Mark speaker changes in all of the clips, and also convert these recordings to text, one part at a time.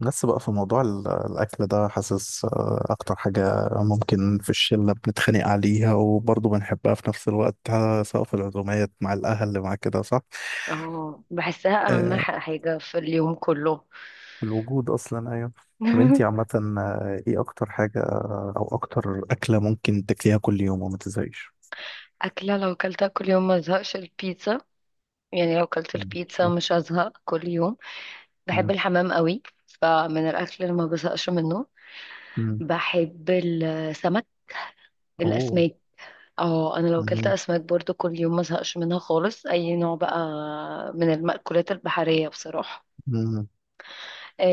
Speaker 1: بس بقى في موضوع الأكل ده، حاسس، أكتر حاجة ممكن في الشلة بنتخانق عليها وبرضه بنحبها في نفس الوقت، سواء في العزومات مع الأهل مع كده، صح؟
Speaker 2: اه بحسها اهم
Speaker 1: آه،
Speaker 2: حاجة في اليوم كله.
Speaker 1: الوجود أصلا. أيوه. طب أنتي عامة، إيه أكتر حاجة أو أكتر أكلة ممكن تاكليها كل يوم وما تزهقيش؟
Speaker 2: أكلة لو كلتها كل يوم ما زهقش البيتزا، يعني لو كلت
Speaker 1: ماشي.
Speaker 2: البيتزا مش هزهق كل يوم. بحب
Speaker 1: مم.
Speaker 2: الحمام قوي، فمن الأكل اللي ما بزهقش منه.
Speaker 1: مم.
Speaker 2: بحب السمك،
Speaker 1: أوه.
Speaker 2: الأسماك. اه أنا لو كلت
Speaker 1: مم.
Speaker 2: أسماك برضو كل يوم ما زهقش منها خالص أي نوع بقى، من المأكولات البحرية بصراحة.
Speaker 1: مم.
Speaker 2: آه،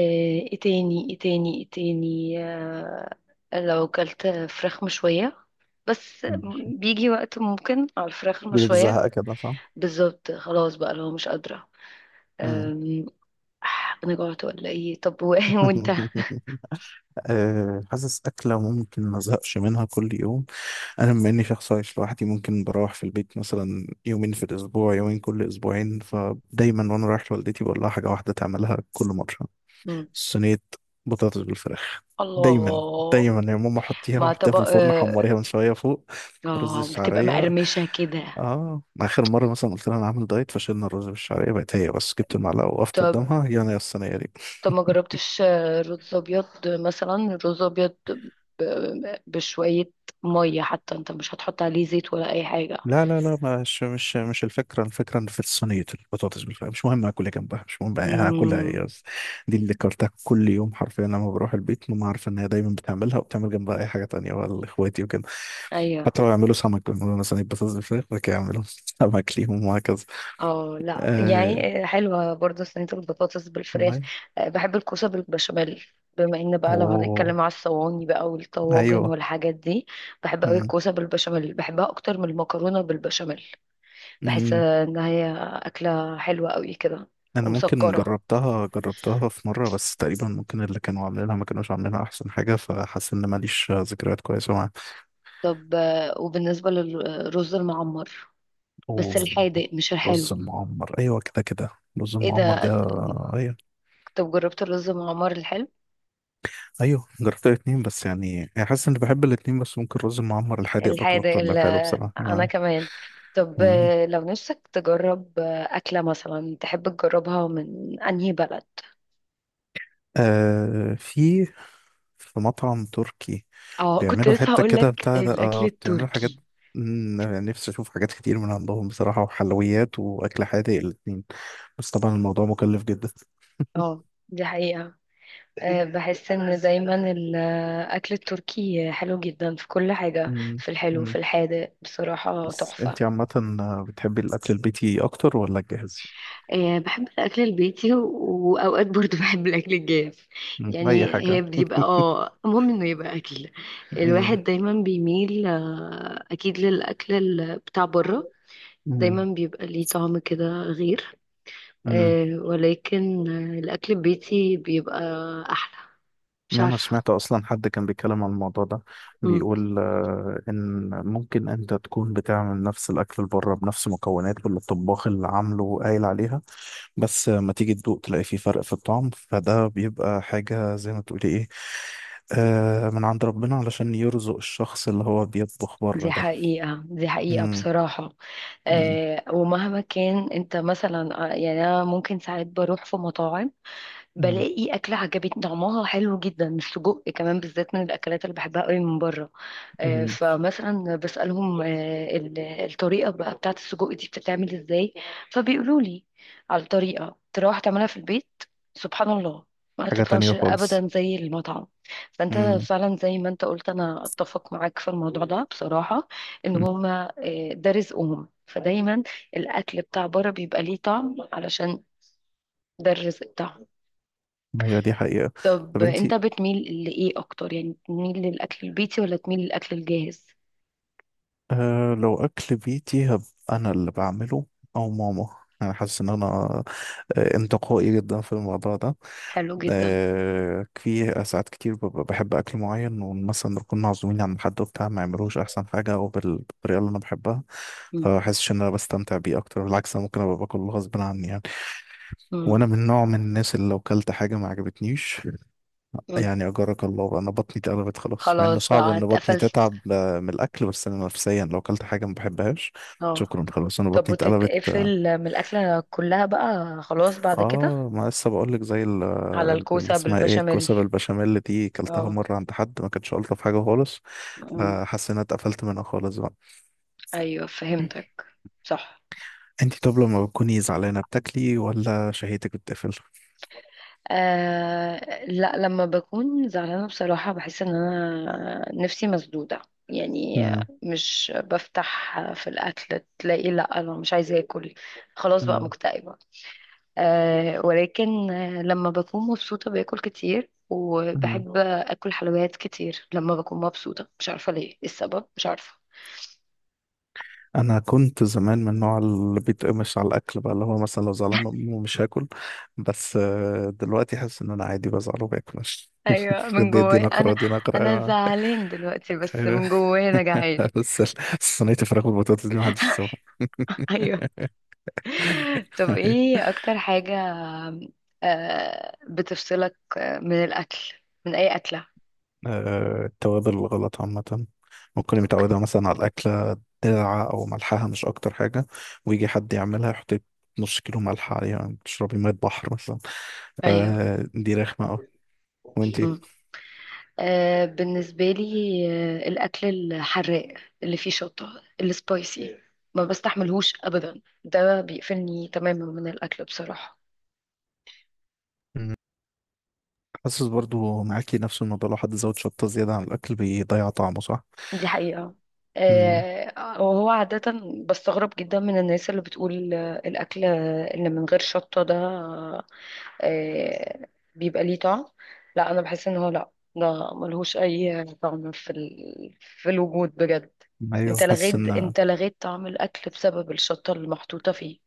Speaker 2: ايه تاني لو كلت فراخ مشوية بس.
Speaker 1: ماشي.
Speaker 2: بيجي وقت ممكن على الفراخ
Speaker 1: يجيلك
Speaker 2: المشوية،
Speaker 1: زهق كده، صح؟
Speaker 2: بالظبط، خلاص بقى لو مش قادرة.
Speaker 1: مم.
Speaker 2: أم، أنا جوعت ولا إيه؟ طب وأنت؟
Speaker 1: حاسس أكلة ممكن ما أزهقش منها كل يوم. انا بما اني شخص عايش لوحدي، ممكن بروح في البيت مثلا يومين في الاسبوع، يومين كل اسبوعين، فدايما وانا رايح لوالدتي بقول لها حاجه واحده تعملها كل مره:
Speaker 2: مم.
Speaker 1: صينيه بطاطس بالفراخ. دايما.
Speaker 2: الله.
Speaker 1: دايما يا ماما، حطيها
Speaker 2: مع
Speaker 1: وحطيها في
Speaker 2: طبق
Speaker 1: الفرن، حمريها
Speaker 2: آه.
Speaker 1: من شويه فوق. رز
Speaker 2: آه، بتبقى
Speaker 1: الشعريه.
Speaker 2: مقرمشة كده.
Speaker 1: اه، اخر مره مثلا قلت لها انا عامل دايت، فشلنا الرز بالشعريه، بقت هي بس جبت المعلقه وقفت
Speaker 2: طب،
Speaker 1: قدامها، يلا يا الصينيه دي.
Speaker 2: ما جربتش رز أبيض مثلا، رز أبيض بشوية مية، حتى أنت مش هتحط عليه زيت ولا أي حاجة.
Speaker 1: لا لا لا، مش الفكرة، الفكرة إن في صينية البطاطس بالفعل، مش مهم اكل إيه جنبها، مش مهم بقى هاكلها
Speaker 2: مم.
Speaker 1: ايه، بس دي اللي كرتها كل يوم حرفيا. لما بروح البيت، ماما عارفة ان هي دايما بتعملها، وبتعمل جنبها اي حاجة تانية بقى، اخواتي وكده،
Speaker 2: أيوه.
Speaker 1: حتى لو يعملوا سمك بيعملوا مثلا بطاطس بالفراخ، بعد كده يعملوا سمك ليهم وهكذا.
Speaker 2: اه لا
Speaker 1: آه.
Speaker 2: يعني حلوة برضه صينية البطاطس بالفراخ.
Speaker 1: والله.
Speaker 2: آه، بحب الكوسة بالبشاميل. بما ان بقى لو
Speaker 1: اوه.
Speaker 2: هنتكلم على الصواني بقى والطواجن
Speaker 1: ايوه.
Speaker 2: والحاجات دي، بحب قوي
Speaker 1: مم.
Speaker 2: الكوسة بالبشاميل، بحبها اكتر من المكرونة بالبشاميل. بحس
Speaker 1: مم.
Speaker 2: ان هي اكلة حلوة قوي كده
Speaker 1: انا ممكن
Speaker 2: ومسكرة.
Speaker 1: جربتها في مره، بس تقريبا ممكن اللي كانوا عاملينها ما كانوش عاملينها احسن حاجه، فحاسس ان ماليش ذكريات كويسه معاها.
Speaker 2: طب وبالنسبة للرز المعمر،
Speaker 1: اوه.
Speaker 2: بس الحادق مش
Speaker 1: رز
Speaker 2: الحلو.
Speaker 1: المعمر، ايوه، كده كده. رز
Speaker 2: ايه
Speaker 1: المعمر ده؟
Speaker 2: ده.
Speaker 1: ايوه.
Speaker 2: طب جربت الرز المعمر الحلو.
Speaker 1: ايوه جربت الاتنين، بس يعني حاسس اني بحب الاتنين، بس ممكن الرز المعمر الحادق باكله
Speaker 2: الحادق
Speaker 1: اكتر من
Speaker 2: ال-
Speaker 1: الحلو بصراحه
Speaker 2: انا
Speaker 1: آه.
Speaker 2: كمان. طب
Speaker 1: مم.
Speaker 2: لو نفسك تجرب اكله مثلا تحب تجربها من انهي بلد.
Speaker 1: آه، في مطعم تركي
Speaker 2: اه كنت
Speaker 1: بيعملوا
Speaker 2: لسه
Speaker 1: حته
Speaker 2: هقول
Speaker 1: كده
Speaker 2: لك
Speaker 1: بتاع ده،
Speaker 2: الاكل
Speaker 1: اه بيعملوا حاجات.
Speaker 2: التركي.
Speaker 1: مم، يعني نفسي اشوف حاجات كتير من عندهم بصراحه، وحلويات واكل حادق الاتنين. بس طبعا الموضوع مكلف جدا.
Speaker 2: اه دي حقيقه. بحس ان دايما الاكل التركي حلو جدا في كل حاجه،
Speaker 1: مم.
Speaker 2: في الحلو في
Speaker 1: مم.
Speaker 2: الحادق، بصراحه
Speaker 1: بس
Speaker 2: تحفه.
Speaker 1: انتي عامه، بتحبي الاكل البيتي اكتر ولا الجاهز؟
Speaker 2: آه، بحب الأكل البيتي وأوقات برضو بحب الأكل الجاف.
Speaker 1: مم. أي
Speaker 2: يعني هي
Speaker 1: حاجة.
Speaker 2: بيبقى اه المهم إنه يبقى أكل.
Speaker 1: مم.
Speaker 2: الواحد دايما بيميل أكيد للأكل بتاع بره، دايما
Speaker 1: مم.
Speaker 2: بيبقى ليه طعم كده غير.
Speaker 1: مم.
Speaker 2: آه، ولكن الأكل البيتي بيبقى أحلى، مش
Speaker 1: يعني أنا
Speaker 2: عارفة.
Speaker 1: سمعت أصلا حد كان بيتكلم عن الموضوع ده،
Speaker 2: مم.
Speaker 1: بيقول، إن ممكن أنت تكون بتعمل نفس الأكل اللي بره بنفس مكونات، واللي الطباخ اللي عامله قايل عليها، بس ما تيجي تدوق تلاقي فيه فرق في الطعم، فده بيبقى حاجة زي ما تقولي إيه، من عند ربنا علشان يرزق الشخص اللي هو بيطبخ بره
Speaker 2: دي
Speaker 1: ده.
Speaker 2: حقيقة، دي حقيقة
Speaker 1: مم.
Speaker 2: بصراحة.
Speaker 1: مم.
Speaker 2: آه، ومهما كان انت مثلا يعني انا ممكن ساعات بروح في مطاعم
Speaker 1: مم.
Speaker 2: بلاقي أكلة عجبتني طعمها حلو جدا. السجق كمان بالذات من الأكلات اللي بحبها قوي من بره.
Speaker 1: مم.
Speaker 2: فمثلا بسألهم الطريقة بقى بتاعة السجق دي بتتعمل ازاي، فبيقولوا لي على الطريقة. تروح تعملها في البيت، سبحان الله، ما
Speaker 1: حاجة
Speaker 2: تطلعش
Speaker 1: تانية خالص.
Speaker 2: أبدا زي المطعم. فأنت
Speaker 1: مم.
Speaker 2: فعلا زي ما أنت قلت، أنا أتفق معاك في الموضوع ده بصراحة. إن
Speaker 1: مم.
Speaker 2: هما ده رزقهم، فدايما الأكل بتاع بره بيبقى ليه طعم علشان ده الرزق بتاعهم.
Speaker 1: أيوة دي حقيقة.
Speaker 2: طب
Speaker 1: طب أنت،
Speaker 2: انت بتميل لايه اكتر؟ يعني تميل للاكل البيتي ولا تميل للاكل الجاهز؟
Speaker 1: أه لو أكل بيتي، هب أنا اللي بعمله، أو ماما. أنا حاسس إن أنا، انتقائي جدا في الموضوع ده.
Speaker 2: حلو جدا.
Speaker 1: أه، في ساعات كتير ببقى بحب أكل معين، ومثلا نكون معزومين عند حد وبتاع، ما يعملوش أحسن حاجة أو بالطريقة اللي أنا بحبها،
Speaker 2: مم.
Speaker 1: فحاسس إن أنا بستمتع بيه أكتر. بالعكس، أنا ممكن أبقى باكل غصب عني يعني، وأنا
Speaker 2: مم.
Speaker 1: من نوع من الناس اللي لو كلت حاجة ما عجبتنيش،
Speaker 2: مم.
Speaker 1: يعني أجرك الله أنا بطني اتقلبت خلاص، مع إنه
Speaker 2: خلاص
Speaker 1: صعب
Speaker 2: بقى
Speaker 1: إن بطني
Speaker 2: اتقفلت.
Speaker 1: تتعب، من الأكل، بس أنا نفسيا لو أكلت حاجة ما بحبهاش،
Speaker 2: اه.
Speaker 1: شكرا خلاص أنا
Speaker 2: طب
Speaker 1: بطني اتقلبت.
Speaker 2: وتتقفل من الاكله كلها بقى خلاص بعد كده؟
Speaker 1: آه، ما لسه بقول لك، زي
Speaker 2: على
Speaker 1: اللي
Speaker 2: الكوسه
Speaker 1: اسمها إيه،
Speaker 2: بالبشاميل.
Speaker 1: الكوسة البشاميل دي، كلتها
Speaker 2: اه.
Speaker 1: مرة عند حد ما كانتش ألطف حاجة خالص،
Speaker 2: مم.
Speaker 1: فحاسس إن أنا اتقفلت منها خالص بقى.
Speaker 2: ايوه فهمتك. صح.
Speaker 1: أنت، طب لما بتكوني زعلانة بتاكلي ولا شهيتك بتقفل؟
Speaker 2: آه لا، لما بكون زعلانة بصراحة بحس ان انا نفسي مسدودة يعني، مش بفتح في الاكل، تلاقي لا انا مش عايزة اكل، خلاص بقى مكتئبة. آه، ولكن لما بكون مبسوطة باكل كتير
Speaker 1: مم.
Speaker 2: وبحب اكل حلويات كتير لما بكون مبسوطة، مش عارفة ليه إيه السبب، مش عارفة.
Speaker 1: انا كنت زمان من النوع اللي بيتقمش على الاكل بقى، اللي هو مثلا لو زعلان من امه مش هاكل، بس دلوقتي حاسس ان انا عادي بزعل وباكل. مش
Speaker 2: ايوه من
Speaker 1: دي
Speaker 2: جوايا
Speaker 1: نقرة،
Speaker 2: انا،
Speaker 1: دي
Speaker 2: انا
Speaker 1: نقرة.
Speaker 2: زعلان دلوقتي بس من جوايا انا جعان.
Speaker 1: بس صينية الفراخ والبطاطس دي محدش يسويها.
Speaker 2: ايوه. طب ايه اكتر حاجة بتفصلك من الاكل، من اي اكلة؟
Speaker 1: التوابل الغلط عامة، ممكن
Speaker 2: اوكي.
Speaker 1: متعودة مثلا على الأكلة ساعة، أو ملحها مش أكتر حاجة، ويجي حد يعملها يحط لك نص كيلو ملح عليها، يعني تشربي مية بحر مثلا.
Speaker 2: ايوه.
Speaker 1: آه، دي رخمة أوي. وأنتي؟
Speaker 2: مم. آه، بالنسبة لي الاكل الحراق اللي فيه شطة السبايسي ما بستحملهوش ابدا، ده بيقفلني تماما من الاكل بصراحة.
Speaker 1: حاسس برضو معاكي نفس الموضوع، لو حد زود شطة زيادة عن الأكل بيضيع طعمه، صح؟
Speaker 2: دي حقيقة.
Speaker 1: امم
Speaker 2: آه، وهو عادة بستغرب جدا من الناس اللي بتقول الأكل اللي من غير شطة ده آه، بيبقى ليه طعم. لا انا بحس ان هو لا، ده ملهوش اي طعم في ال... في الوجود بجد.
Speaker 1: أيوه،
Speaker 2: انت
Speaker 1: حاسس
Speaker 2: لغيت،
Speaker 1: إن
Speaker 2: انت لغيت طعم الاكل بسبب الشطه اللي محطوطه فيه.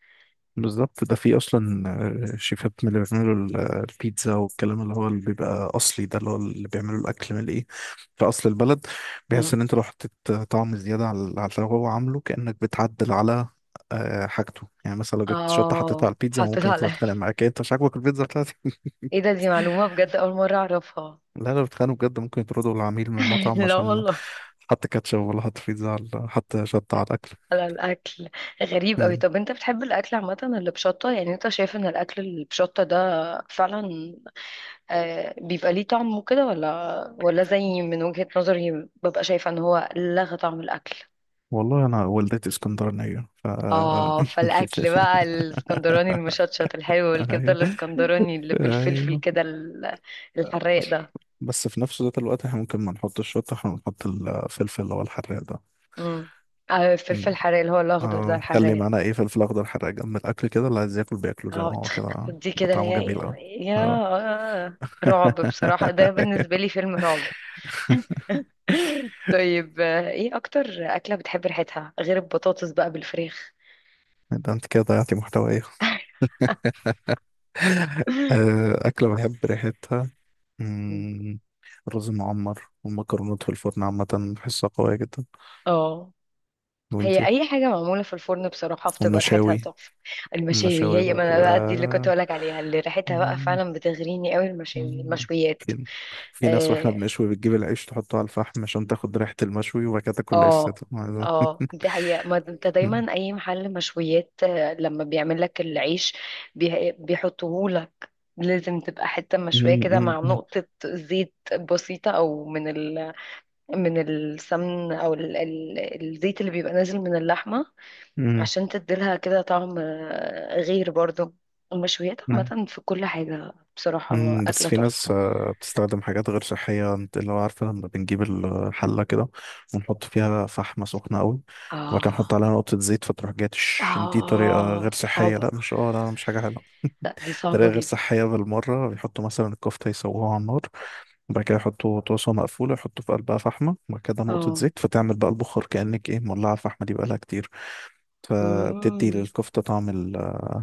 Speaker 1: بالظبط، ده في أصلا شيفات من اللي بيعملوا البيتزا والكلام، اللي هو اللي بيبقى أصلي ده، اللي هو اللي بيعملوا الأكل من إيه، في أصل البلد، بيحس
Speaker 2: مم.
Speaker 1: إن أنت لو حطيت طعم زيادة على اللي هو عامله، كأنك بتعدل على، حاجته، يعني مثلا لو جبت شطة حطيتها على
Speaker 2: اه
Speaker 1: البيتزا،
Speaker 2: حطيت
Speaker 1: ممكن يطلع
Speaker 2: على
Speaker 1: يتخانق معاك، إيه، أنت مش عاجبك البيتزا بتاعتي.
Speaker 2: ايه ده، دي معلومه بجد اول مره اعرفها.
Speaker 1: لا، لو بيتخانقوا بجد ممكن يطردوا العميل من المطعم
Speaker 2: لا
Speaker 1: عشان
Speaker 2: والله.
Speaker 1: حط كاتشب، ولا حط بيتزا على، حط شطة على الأكل.
Speaker 2: على الاكل. غريب قوي.
Speaker 1: مم.
Speaker 2: طب انت بتحب الاكل عامه اللي بشطه؟ يعني انت شايف ان الاكل اللي بشطه ده فعلا بيبقى ليه طعم وكده، ولا زي من وجهة نظري ببقى شايفة ان هو لغى طعم الاكل؟
Speaker 1: والله أنا والدتي اسكندرانية ف.
Speaker 2: اه فالاكل بقى الاسكندراني المشطشط الحلو، والكبده
Speaker 1: أيوه.
Speaker 2: الاسكندراني اللي بالفلفل
Speaker 1: أيوه.
Speaker 2: كده الحراق ده.
Speaker 1: بس في نفس ذات الوقت، احنا ممكن ما نحطش الشطة، احنا نحط الفلفل اللي هو الحراق ده.
Speaker 2: امم. آه،
Speaker 1: مم.
Speaker 2: الفلفل الحراق اللي هو الاخضر ده
Speaker 1: آه، خلي
Speaker 2: الحراق.
Speaker 1: معانا ايه فلفل أخضر حراق جنب الأكل كده، اللي عايز ياكل بياكله زي ما هو، كده
Speaker 2: دي كده
Speaker 1: بطعمه
Speaker 2: يا
Speaker 1: جميل أوي.
Speaker 2: يا
Speaker 1: اه.
Speaker 2: آه، رعب بصراحة، ده بالنسبة لي فيلم رعب. طيب ايه اكتر اكلة بتحب ريحتها غير البطاطس بقى بالفراخ؟
Speaker 1: ده انت كده ضيعتي محتوى إيه؟ أكلة بحب ريحتها؟ مم، الرز المعمر والمكرونات في الفرن عامة، بحسها قوية جدا.
Speaker 2: اه. هي
Speaker 1: وانتي؟
Speaker 2: اي حاجه معموله في الفرن بصراحه بتبقى ريحتها
Speaker 1: والمشاوي.
Speaker 2: تحفه. المشاوي
Speaker 1: المشاوي
Speaker 2: هي، ما انا
Speaker 1: برضو،
Speaker 2: بقى دي اللي كنت اقولك عليها اللي ريحتها بقى
Speaker 1: مم،
Speaker 2: فعلا بتغريني قوي، المشاوي
Speaker 1: مم.
Speaker 2: المشويات.
Speaker 1: في في ناس واحنا
Speaker 2: اه.
Speaker 1: بنشوي بتجيب العيش تحطه على الفحم عشان تاخد ريحة المشوي، وبعد كده تاكل العيش
Speaker 2: اه.
Speaker 1: سادة.
Speaker 2: آه، دي حقيقة، ما انت
Speaker 1: مم.
Speaker 2: دايما اي محل مشويات لما بيعمل لك العيش بيحطهولك، لازم تبقى حتة مشوية كده
Speaker 1: مم.
Speaker 2: مع نقطة زيت بسيطة، او من ال... من السمن او ال... الزيت اللي بيبقى نازل من اللحمة،
Speaker 1: مم.
Speaker 2: عشان تديلها كده طعم غير برضو. المشويات
Speaker 1: مم.
Speaker 2: عامة في كل حاجة بصراحة
Speaker 1: بس
Speaker 2: أكلة
Speaker 1: في
Speaker 2: تحفة.
Speaker 1: ناس، بتستخدم حاجات غير صحية، انت اللي هو عارفة، لما بنجيب الحلة كده ونحط فيها فحمة سخنة قوي، وبعد كده نحط
Speaker 2: اه.
Speaker 1: عليها نقطة زيت فتروح جاية تش، دي طريقة غير
Speaker 2: اه
Speaker 1: صحية.
Speaker 2: صعبة.
Speaker 1: لا مش، لا مش حاجة حلوة.
Speaker 2: لا دي
Speaker 1: طريقة
Speaker 2: صعبة
Speaker 1: غير
Speaker 2: جدا.
Speaker 1: صحية بالمرة، بيحطوا مثلا الكفتة يسووها على النار، وبعد كده يحطوا طاسة مقفولة، يحطوا في قلبها فحمة، وبعد كده نقطة
Speaker 2: اه.
Speaker 1: زيت، فتعمل بقى البخار، كأنك ايه مولعة الفحمة دي بقالها كتير، فبتدي
Speaker 2: مم.
Speaker 1: للكفتة طعم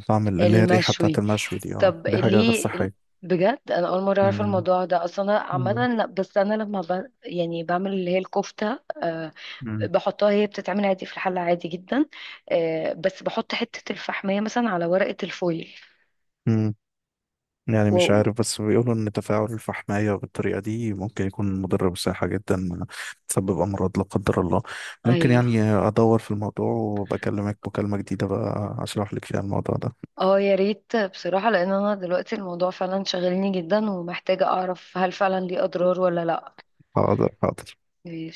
Speaker 1: طعم، اللي هي الريحة بتاعت
Speaker 2: المشوي.
Speaker 1: المشوي دي. اه
Speaker 2: طب
Speaker 1: دي حاجة غير
Speaker 2: ليه؟
Speaker 1: صحية.
Speaker 2: بجد انا اول مره اعرف
Speaker 1: مم.
Speaker 2: الموضوع ده اصلا. انا عامه لا، بس انا لما ب... يعني بعمل اللي هي الكفته أه،
Speaker 1: مم.
Speaker 2: بحطها هي بتتعمل عادي في الحله عادي جدا. أه بس بحط حته الفحميه مثلا على ورقه الفويل.
Speaker 1: مم. يعني مش
Speaker 2: و...
Speaker 1: عارف، بس بيقولوا ان تفاعل الفحمية بالطريقة دي ممكن يكون مضر بصحة جدا، تسبب امراض لا قدر الله. ممكن
Speaker 2: ايوه.
Speaker 1: يعني ادور في الموضوع، وبكلمك مكالمة جديدة بقى اشرح لك فيها الموضوع ده.
Speaker 2: اه يا ريت بصراحة، لان انا دلوقتي الموضوع فعلا شاغلني جدا ومحتاجة اعرف هل فعلا ليه اضرار ولا لا.
Speaker 1: حاضر. حاضر.